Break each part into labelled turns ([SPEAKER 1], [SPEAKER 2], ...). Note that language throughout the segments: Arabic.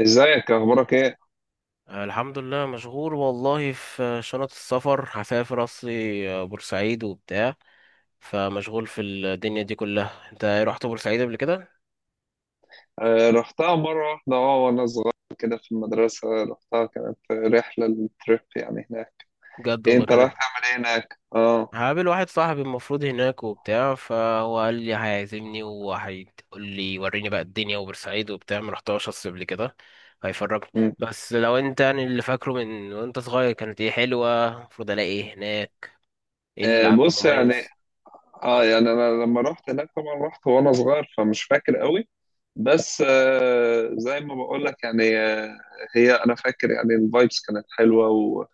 [SPEAKER 1] ازيك؟ اخبارك ايه؟
[SPEAKER 2] آه، الحمد لله، مشغول والله في شنط السفر. هسافر اصلي بورسعيد وبتاع. فمشغول في الدنيا دي كلها. انت إيه، رحت بورسعيد قبل كده؟
[SPEAKER 1] آه، رحتها مره واحده، اه، وانا صغير كده في المدرسه. رحتها كانت رحله التريب يعني هناك.
[SPEAKER 2] بجد
[SPEAKER 1] إيه،
[SPEAKER 2] والله
[SPEAKER 1] انت
[SPEAKER 2] كانت.
[SPEAKER 1] رايح تعمل ايه هناك؟ اه.
[SPEAKER 2] هقابل واحد صاحبي المفروض هناك وبتاع، فهو قال لي هيعزمني وهيقول لي وريني بقى الدنيا، وبورسعيد وبتاع ما رحتهاش اصل قبل كده، هيفرجني.
[SPEAKER 1] مم.
[SPEAKER 2] بس لو انت يعني اللي فاكره من وانت صغير كانت ايه، حلوة؟ المفروض الاقي ايه هناك؟ ايه اللي
[SPEAKER 1] آه،
[SPEAKER 2] عنده
[SPEAKER 1] بص يعني.
[SPEAKER 2] مميز؟
[SPEAKER 1] اه يعني انا لما رحت هناك، طبعا رحت وانا صغير فمش فاكر قوي. بس زي ما بقول لك يعني، هي انا فاكر يعني الفايبس كانت حلوه، و...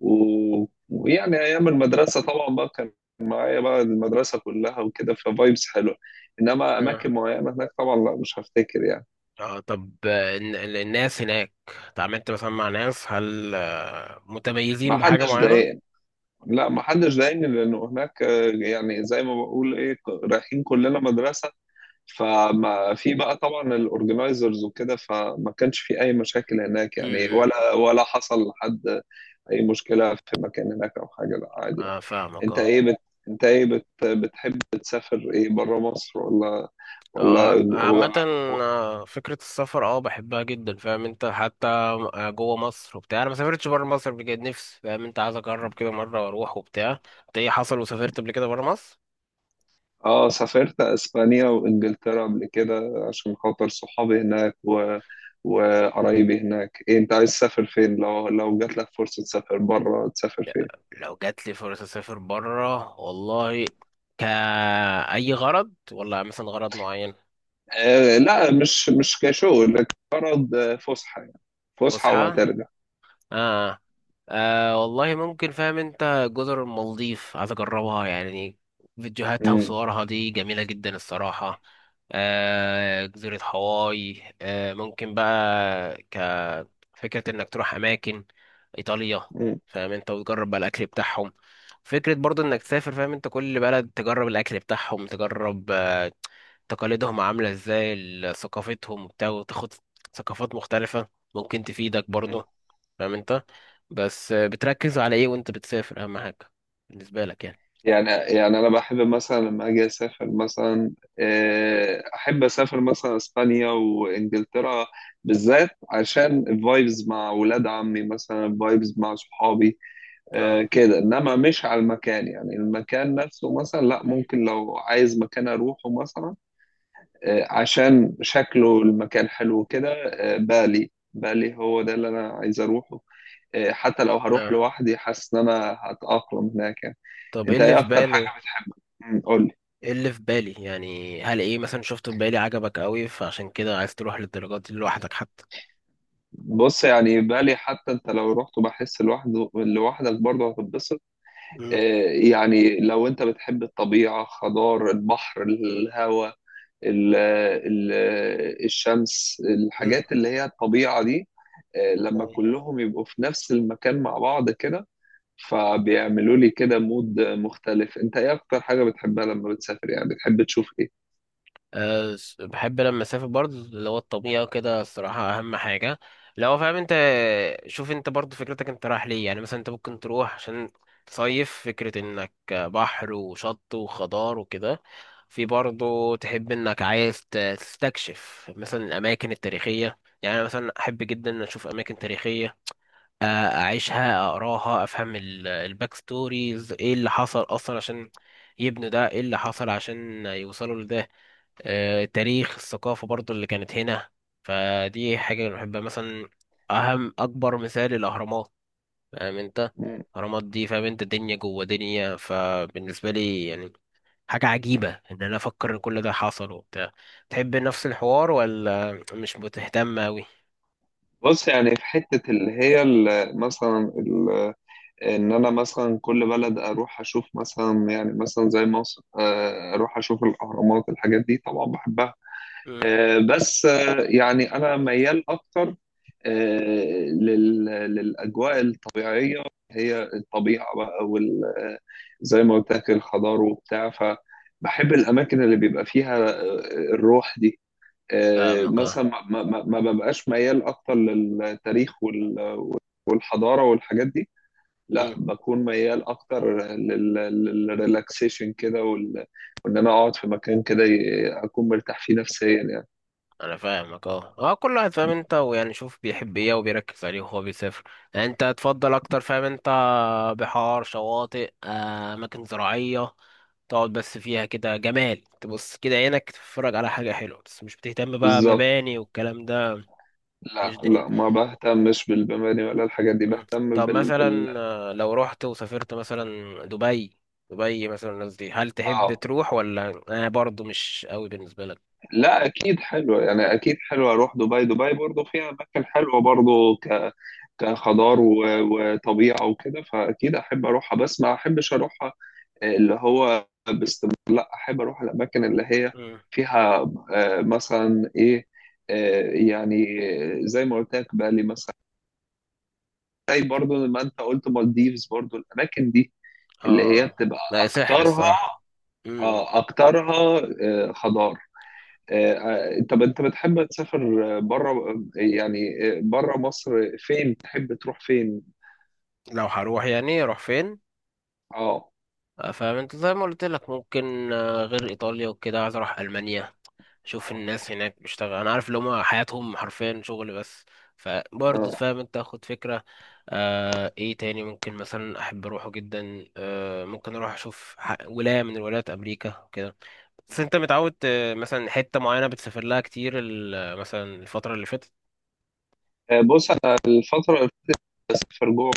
[SPEAKER 1] و... ويعني ايام المدرسه طبعا بقى كان معايا بقى المدرسه كلها وكده ففايبس حلوه. انما اماكن معينه هناك طبعا، لا، مش هفتكر يعني.
[SPEAKER 2] اه طب الناس هناك اتعاملت مثلا مع ناس، هل
[SPEAKER 1] ما
[SPEAKER 2] متميزين بحاجة
[SPEAKER 1] حدش
[SPEAKER 2] معينة؟
[SPEAKER 1] ضايقني. لا، ما حدش ضايقني لانه هناك، يعني زي ما بقول ايه، رايحين كلنا مدرسه. فما في بقى طبعا الاورجنايزرز وكده، فما كانش في اي مشاكل هناك يعني،
[SPEAKER 2] امم.
[SPEAKER 1] ولا حصل لحد اي مشكله في مكان هناك او حاجه. لا، عادي يعني.
[SPEAKER 2] اه فاهمك،
[SPEAKER 1] انت
[SPEAKER 2] اه.
[SPEAKER 1] ايه بت... بتحب تسافر ايه، بره مصر ولا ولا
[SPEAKER 2] اه
[SPEAKER 1] ولا
[SPEAKER 2] عامة،
[SPEAKER 1] جوه؟
[SPEAKER 2] فكرة السفر اه بحبها جدا. فاهم انت، حتى جوه مصر وبتاع. انا ما سافرتش بره مصر بجد، نفسي فاهم انت، عايز اجرب كده مرة واروح وبتاع. انت ايه حصل وسافرت قبل كده بره مصر؟
[SPEAKER 1] اه، سافرت اسبانيا وانجلترا قبل كده عشان خاطر صحابي هناك وقرايبي هناك. إيه، انت عايز تسافر فين؟ لو جات لك فرصه تسافر بره، تسافر فين؟
[SPEAKER 2] لو جات لي فرصة اسافر بره والله، كأي غرض ولا مثلا غرض معين؟
[SPEAKER 1] آه، لا، مش كشغل، لكن غرض فسحه يعني. فسحه
[SPEAKER 2] فسحة؟
[SPEAKER 1] وهترجع.
[SPEAKER 2] اه. آه والله ممكن، فاهم انت جزر المالديف عايز اجربها يعني. فيديوهاتها
[SPEAKER 1] امم.
[SPEAKER 2] وصورها دي جميلة جدا الصراحة. جزيرة هاواي ممكن بقى، كفكرة انك تروح اماكن، ايطاليا. فاهم انت وتجرب بقى الاكل بتاعهم. فكرة برضو انك تسافر فاهم انت، كل بلد تجرب الاكل بتاعهم، تجرب تقاليدهم عاملة ازاي، ثقافتهم وبتاع، وتاخد ثقافات مختلفة. ممكن تفيدك برضو، فاهم انت. بس بتركز على ايه وانت بتسافر اهم حاجة بالنسبة لك يعني؟
[SPEAKER 1] يعني انا بحب مثلا لما اجي اسافر مثلا، احب اسافر مثلا اسبانيا وانجلترا، بالذات عشان الفايبز مع ولاد عمي، مثلا الفايبز مع صحابي.
[SPEAKER 2] اه.
[SPEAKER 1] كده. انما مش على المكان يعني، المكان نفسه مثلا لا. ممكن لو عايز مكان اروحه مثلا، عشان شكله المكان حلو كده. بالي بالي، هو ده اللي انا عايز اروحه. حتى لو هروح
[SPEAKER 2] اه
[SPEAKER 1] لوحدي، حاسس ان انا هتأقلم هناك يعني.
[SPEAKER 2] طب ايه
[SPEAKER 1] انت
[SPEAKER 2] اللي
[SPEAKER 1] ايه
[SPEAKER 2] في
[SPEAKER 1] اكتر
[SPEAKER 2] بالي.
[SPEAKER 1] حاجه بتحبها؟ قول لي.
[SPEAKER 2] ايه اللي في بالي يعني، هل ايه مثلا شفته في بالي عجبك قوي فعشان كده عايز تروح للدرجات دي لوحدك حتى؟
[SPEAKER 1] بص يعني، بالي، حتى انت لو رحت بحس لوحدك برضه هتتبسط. آه، يعني لو انت بتحب الطبيعه، خضار، البحر، الهواء، ال- ال- الشمس،
[SPEAKER 2] امم.
[SPEAKER 1] الحاجات اللي هي الطبيعه دي. لما كلهم يبقوا في نفس المكان مع بعض كده، فبيعملوا لي كده مود مختلف. انت ايه اكتر حاجه بتحبها لما بتسافر يعني، بتحب تشوف ايه؟
[SPEAKER 2] بحب لما اسافر برضه اللي هو الطبيعه كده الصراحه اهم حاجه، لو فاهم انت. شوف انت برضه فكرتك انت رايح ليه يعني، مثلا انت ممكن تروح عشان تصيف، فكره انك بحر وشط وخضار وكده. في برضه تحب انك عايز تستكشف مثلا الاماكن التاريخيه. يعني أنا مثلا احب جدا إن اشوف اماكن تاريخيه، اعيشها، اقراها، افهم الباك ستوريز، ايه اللي حصل اصلا عشان يبنوا ده، ايه اللي حصل عشان يوصلوا لده. التاريخ، الثقافة برضو اللي كانت هنا. فدي حاجة أنا بحبها مثلا. أهم أكبر مثال الأهرامات، فاهم أنت. الأهرامات دي فاهم أنت دنيا جوه دنيا، فبالنسبة لي يعني حاجة عجيبة إن أنا أفكر إن كل ده حصل وبتاع. تحب نفس الحوار ولا مش بتهتم أوي؟
[SPEAKER 1] بص يعني، في حتة اللي هي مثلا إن أنا مثلا كل بلد أروح أشوف مثلا يعني مثلا زي مصر، أروح أشوف الأهرامات، الحاجات دي طبعا بحبها.
[SPEAKER 2] مم.
[SPEAKER 1] بس يعني أنا ميال أكتر للأجواء الطبيعية. هي الطبيعة بقى وال آه، زي ما قلت لك الخضار وبتاع. فبحب الأماكن اللي بيبقى فيها الروح دي.
[SPEAKER 2] فاهمك
[SPEAKER 1] مثلا ما ببقاش ميال اكتر للتاريخ والحضاره والحاجات دي. لا،
[SPEAKER 2] أه.
[SPEAKER 1] بكون ميال اكتر للريلاكسيشن كده وان انا اقعد في مكان كده، اكون مرتاح فيه نفسيا يعني.
[SPEAKER 2] انا فاهمك، اه اه. كل واحد فاهم انت ويعني شوف بيحب ايه وبيركز عليه وهو بيسافر، يعني انت تفضل اكتر فاهم انت بحار، شواطئ، اماكن زراعية. تقعد بس فيها كده جمال، تبص كده عينك تتفرج على حاجة حلوة، بس مش بتهتم بقى
[SPEAKER 1] بالظبط.
[SPEAKER 2] مباني والكلام ده.
[SPEAKER 1] لا،
[SPEAKER 2] مش دينين.
[SPEAKER 1] لا، ما بهتمش بالمباني ولا الحاجات دي.
[SPEAKER 2] مم.
[SPEAKER 1] بهتم
[SPEAKER 2] طب
[SPEAKER 1] بال
[SPEAKER 2] مثلا لو رحت وسافرت مثلا دبي، دبي مثلا الناس دي هل تحب
[SPEAKER 1] اه،
[SPEAKER 2] تروح ولا انا برضو مش قوي بالنسبة لك؟
[SPEAKER 1] لا، اكيد حلوه يعني، اكيد حلوه اروح دبي. دبي برضو فيها اماكن حلوه برضو كخضار
[SPEAKER 2] مم.
[SPEAKER 1] وطبيعه وكده، فاكيد احب اروحها. بس ما احبش اروح اللي هو باستمرار. لا، احب اروح الاماكن اللي هي
[SPEAKER 2] مم.
[SPEAKER 1] فيها مثلا ايه، آه، يعني زي ما قلت لك بالي مثلا، زي برضو ما انت قلت مالديفز، برضو الاماكن دي اللي هي
[SPEAKER 2] اه.
[SPEAKER 1] بتبقى
[SPEAKER 2] لا سحر
[SPEAKER 1] اكترها
[SPEAKER 2] الصراحة. مم.
[SPEAKER 1] اكترها خضار. طب انت بتحب تسافر بره يعني، بره مصر، فين تحب تروح فين؟
[SPEAKER 2] لو هروح يعني اروح فين؟
[SPEAKER 1] اه،
[SPEAKER 2] فاهم انت زي ما قلت لك، ممكن غير ايطاليا وكده عايز اروح المانيا، اشوف الناس هناك بيشتغل، انا عارف اللي هما حياتهم حرفيا شغل بس. فبرضه
[SPEAKER 1] اه،
[SPEAKER 2] فاهم انت اخد فكرة. ايه تاني ممكن مثلا احب اروحه جدا، ممكن اروح اشوف ولاية من ولايات امريكا وكده. بس انت متعود مثلا حتة معينة بتسافر لها كتير، مثلا الفترة اللي فاتت.
[SPEAKER 1] بص، انا الفتره اللي بسافر جوه،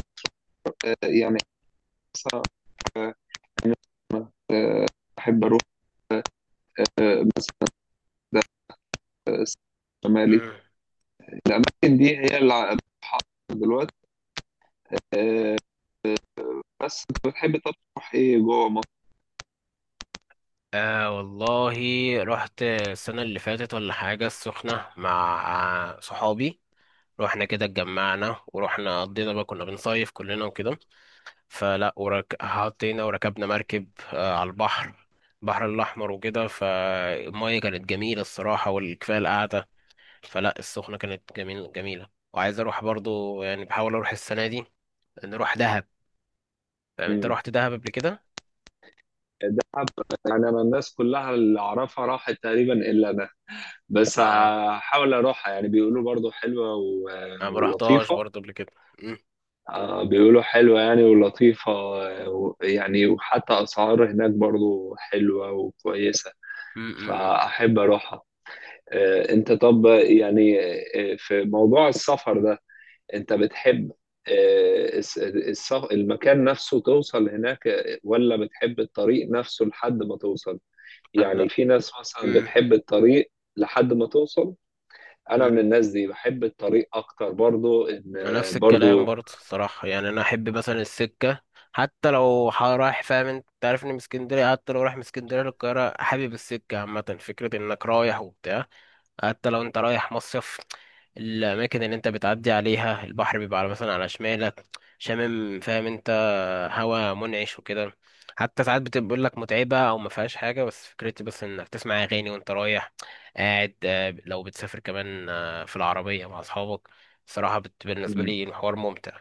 [SPEAKER 1] يعني، آه، احب اروح ده شمالي.
[SPEAKER 2] مم.
[SPEAKER 1] الاماكن دي هي اللي بتحط دلوقتي. آه، بس انت بتحب طب تروح ايه جوه مصر؟
[SPEAKER 2] آه والله، رحت السنة اللي فاتت ولا حاجة السخنة مع صحابي. رحنا كده، اتجمعنا ورحنا قضينا بقى، كنا بنصيف كلنا وكده. فلا حطينا وركبنا مركب على البحر، البحر الأحمر وكده. فالمية كانت جميلة الصراحة، والكفاية القعدة. فلا السخنة كانت جميلة، وعايز أروح برضو يعني، بحاول أروح السنة دي، نروح دهب. فاهم أنت
[SPEAKER 1] امم
[SPEAKER 2] رحت دهب قبل كده؟
[SPEAKER 1] دهب، يعني انا الناس كلها اللي اعرفها راحت تقريبا الا انا. بس
[SPEAKER 2] آه.
[SPEAKER 1] هحاول اروحها، يعني بيقولوا برضو حلوه
[SPEAKER 2] أنا ما رحتهاش
[SPEAKER 1] ولطيفه.
[SPEAKER 2] برضو قبل كده. م-
[SPEAKER 1] بيقولوا حلوه يعني ولطيفه، يعني وحتى اسعار هناك برضو حلوه وكويسه،
[SPEAKER 2] م- م- م.
[SPEAKER 1] فاحب اروحها. انت طب يعني في موضوع السفر ده، انت بتحب المكان نفسه توصل هناك، ولا بتحب الطريق نفسه لحد ما توصل؟
[SPEAKER 2] أنا
[SPEAKER 1] يعني في ناس مثلا
[SPEAKER 2] مم.
[SPEAKER 1] بتحب الطريق لحد ما توصل. انا من
[SPEAKER 2] مم.
[SPEAKER 1] الناس دي، بحب الطريق اكتر، برضو ان
[SPEAKER 2] أنا نفس الكلام
[SPEAKER 1] برضو.
[SPEAKER 2] برضه الصراحة. يعني أنا أحب مثلا السكة، حتى لو رايح فاهم أنت، أنت عارفني من اسكندرية. حتى لو رايح من اسكندرية للقاهرة، حابب السكة عامة، فكرة إنك رايح وبتاع. حتى لو أنت رايح مصيف، الأماكن اللي أنت بتعدي عليها البحر بيبقى على مثلا على شمالك، شامم فاهم، هوا منعش وكده. حتى ساعات بتبقى بيقول لك متعبة أو ما فيهاش حاجة، بس فكرتي بس إنك تسمع أغاني وأنت رايح قاعد، لو بتسافر كمان في العربية مع أصحابك الصراحة. بالنسبة
[SPEAKER 1] مم.
[SPEAKER 2] لي الحوار ممتع.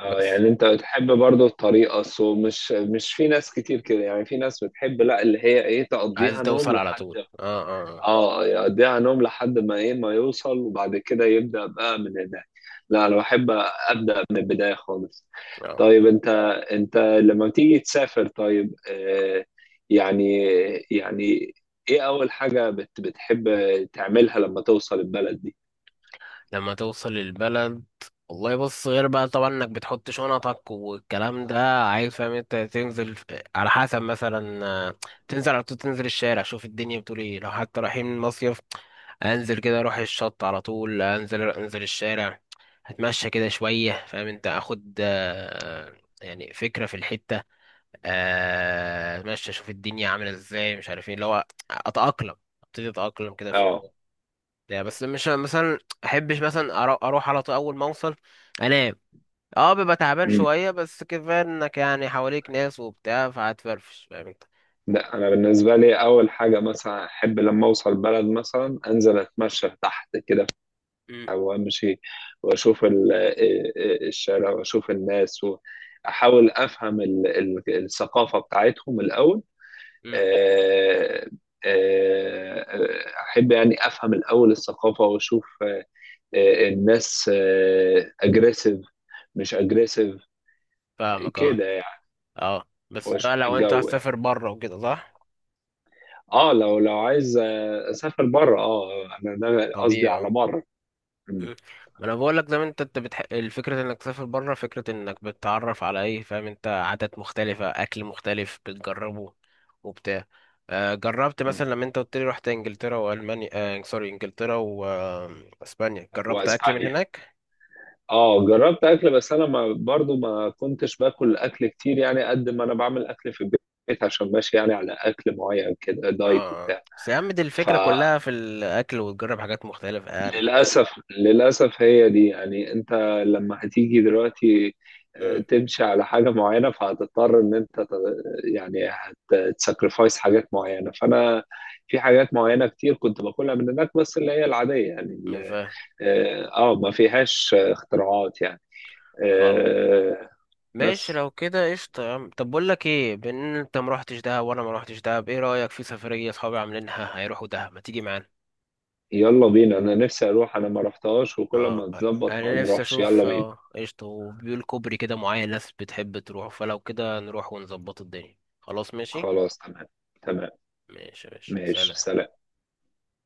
[SPEAKER 1] اه،
[SPEAKER 2] بس
[SPEAKER 1] يعني انت بتحب برضو الطريق، اصله مش في ناس كتير كده يعني. في ناس بتحب، لا، اللي هي ايه،
[SPEAKER 2] عايز
[SPEAKER 1] تقضيها نوم
[SPEAKER 2] توصل على
[SPEAKER 1] لحد.
[SPEAKER 2] طول؟ اه. اه
[SPEAKER 1] اه، يقضيها نوم لحد ما ايه، ما يوصل، وبعد كده يبدأ بقى من هناك. لا، انا بحب ابدأ من البداية خالص.
[SPEAKER 2] آه.
[SPEAKER 1] طيب انت لما تيجي تسافر، طيب، يعني يعني ايه اول حاجة بتحب تعملها لما توصل البلد دي؟
[SPEAKER 2] لما توصل البلد، والله بص، غير بقى طبعا انك بتحط شنطك والكلام ده، عايز فاهم انت تنزل على حسب، مثلا تنزل على طول، تنزل الشارع، شوف الدنيا بتقول ايه. لو حتى رايحين مصيف، انزل كده اروح الشط على طول، انزل انزل الشارع، هتمشى كده شوية فاهم انت، اخد يعني فكرة في الحتة. اتمشى، اشوف الدنيا عاملة ازاي، مش عارف ايه اللي هو اتأقلم، ابتدي اتأقلم كده في
[SPEAKER 1] اه.
[SPEAKER 2] الحوار. لا بس مش مثلا احبش مثلا اروح على طول اول ما اوصل انام. اه ببقى تعبان
[SPEAKER 1] أمم.
[SPEAKER 2] شويه، بس كفايه انك يعني حواليك ناس وبتاع فهتفرفش فاهم انت.
[SPEAKER 1] لا، انا بالنسبة لي اول حاجة، مثلا احب لما اوصل البلد، مثلا انزل اتمشى تحت كده
[SPEAKER 2] أمم.
[SPEAKER 1] وامشي، واشوف الشارع، واشوف الناس، واحاول افهم الثقافه بتاعتهم الاول.
[SPEAKER 2] أمم.
[SPEAKER 1] آه، احب يعني افهم الاول الثقافه، واشوف الناس اجريسيف مش اجريسيف
[SPEAKER 2] فاهمك، اه
[SPEAKER 1] كده يعني،
[SPEAKER 2] اه. بس ده
[SPEAKER 1] واشوف
[SPEAKER 2] لو انت
[SPEAKER 1] الجو يعني.
[SPEAKER 2] هتسافر بره وكده، صح؟
[SPEAKER 1] اه، لو عايز اسافر بره. اه انا ده قصدي
[SPEAKER 2] طبيعي
[SPEAKER 1] على
[SPEAKER 2] اه.
[SPEAKER 1] بره. م-
[SPEAKER 2] مم. ما انا بقول لك ده، انت الفكره انك تسافر بره، فكره انك بتتعرف على ايه فاهم انت، عادات مختلفه، اكل مختلف بتجربه وبتاع. جربت
[SPEAKER 1] م.
[SPEAKER 2] مثلا لما انت قلت لي رحت انجلترا والمانيا، آه سوري، انجلترا واسبانيا، جربت اكل من
[SPEAKER 1] واسبانيا.
[SPEAKER 2] هناك.
[SPEAKER 1] اه، جربت اكل، بس انا ما برضو ما كنتش باكل اكل كتير يعني. قد ما انا بعمل اكل في البيت، عشان ماشي يعني على اكل معين، كده
[SPEAKER 2] اه
[SPEAKER 1] دايت
[SPEAKER 2] آه.
[SPEAKER 1] وبتاع.
[SPEAKER 2] بس يا عم دي الفكره كلها في الاكل، وتجرب حاجات مختلفه يعني.
[SPEAKER 1] فللاسف هي دي يعني. انت لما هتيجي دلوقتي،
[SPEAKER 2] مم.
[SPEAKER 1] تمشي على حاجه معينه، فهتضطر ان انت يعني هتسكرفايس حاجات معينه. فانا في حاجات معينه كتير كنت باكلها من هناك، بس اللي هي العاديه يعني
[SPEAKER 2] فاهم.
[SPEAKER 1] ما فيهاش اختراعات يعني.
[SPEAKER 2] خلاص
[SPEAKER 1] آه،
[SPEAKER 2] ماشي،
[SPEAKER 1] بس
[SPEAKER 2] لو كده قشطة يا عم. طب بقول لك ايه، بان انت ما روحتش دهب وانا ما روحتش دهب، ايه رأيك في سفرية اصحابي عاملينها هيروحوا دهب، ما تيجي معانا؟
[SPEAKER 1] يلا بينا، انا نفسي اروح، انا ما رحتهاش وكل
[SPEAKER 2] اه
[SPEAKER 1] ما تظبط ما
[SPEAKER 2] انا نفسي
[SPEAKER 1] نروحش. يلا
[SPEAKER 2] اشوف
[SPEAKER 1] بينا.
[SPEAKER 2] قشطة، وبيقول كوبري كده معين ناس بتحب تروح، فلو كده نروح ونظبط الدنيا، خلاص ماشي.
[SPEAKER 1] خلاص، تمام، تمام،
[SPEAKER 2] ماشي ماشي
[SPEAKER 1] ماشي،
[SPEAKER 2] سلام.
[SPEAKER 1] سلام.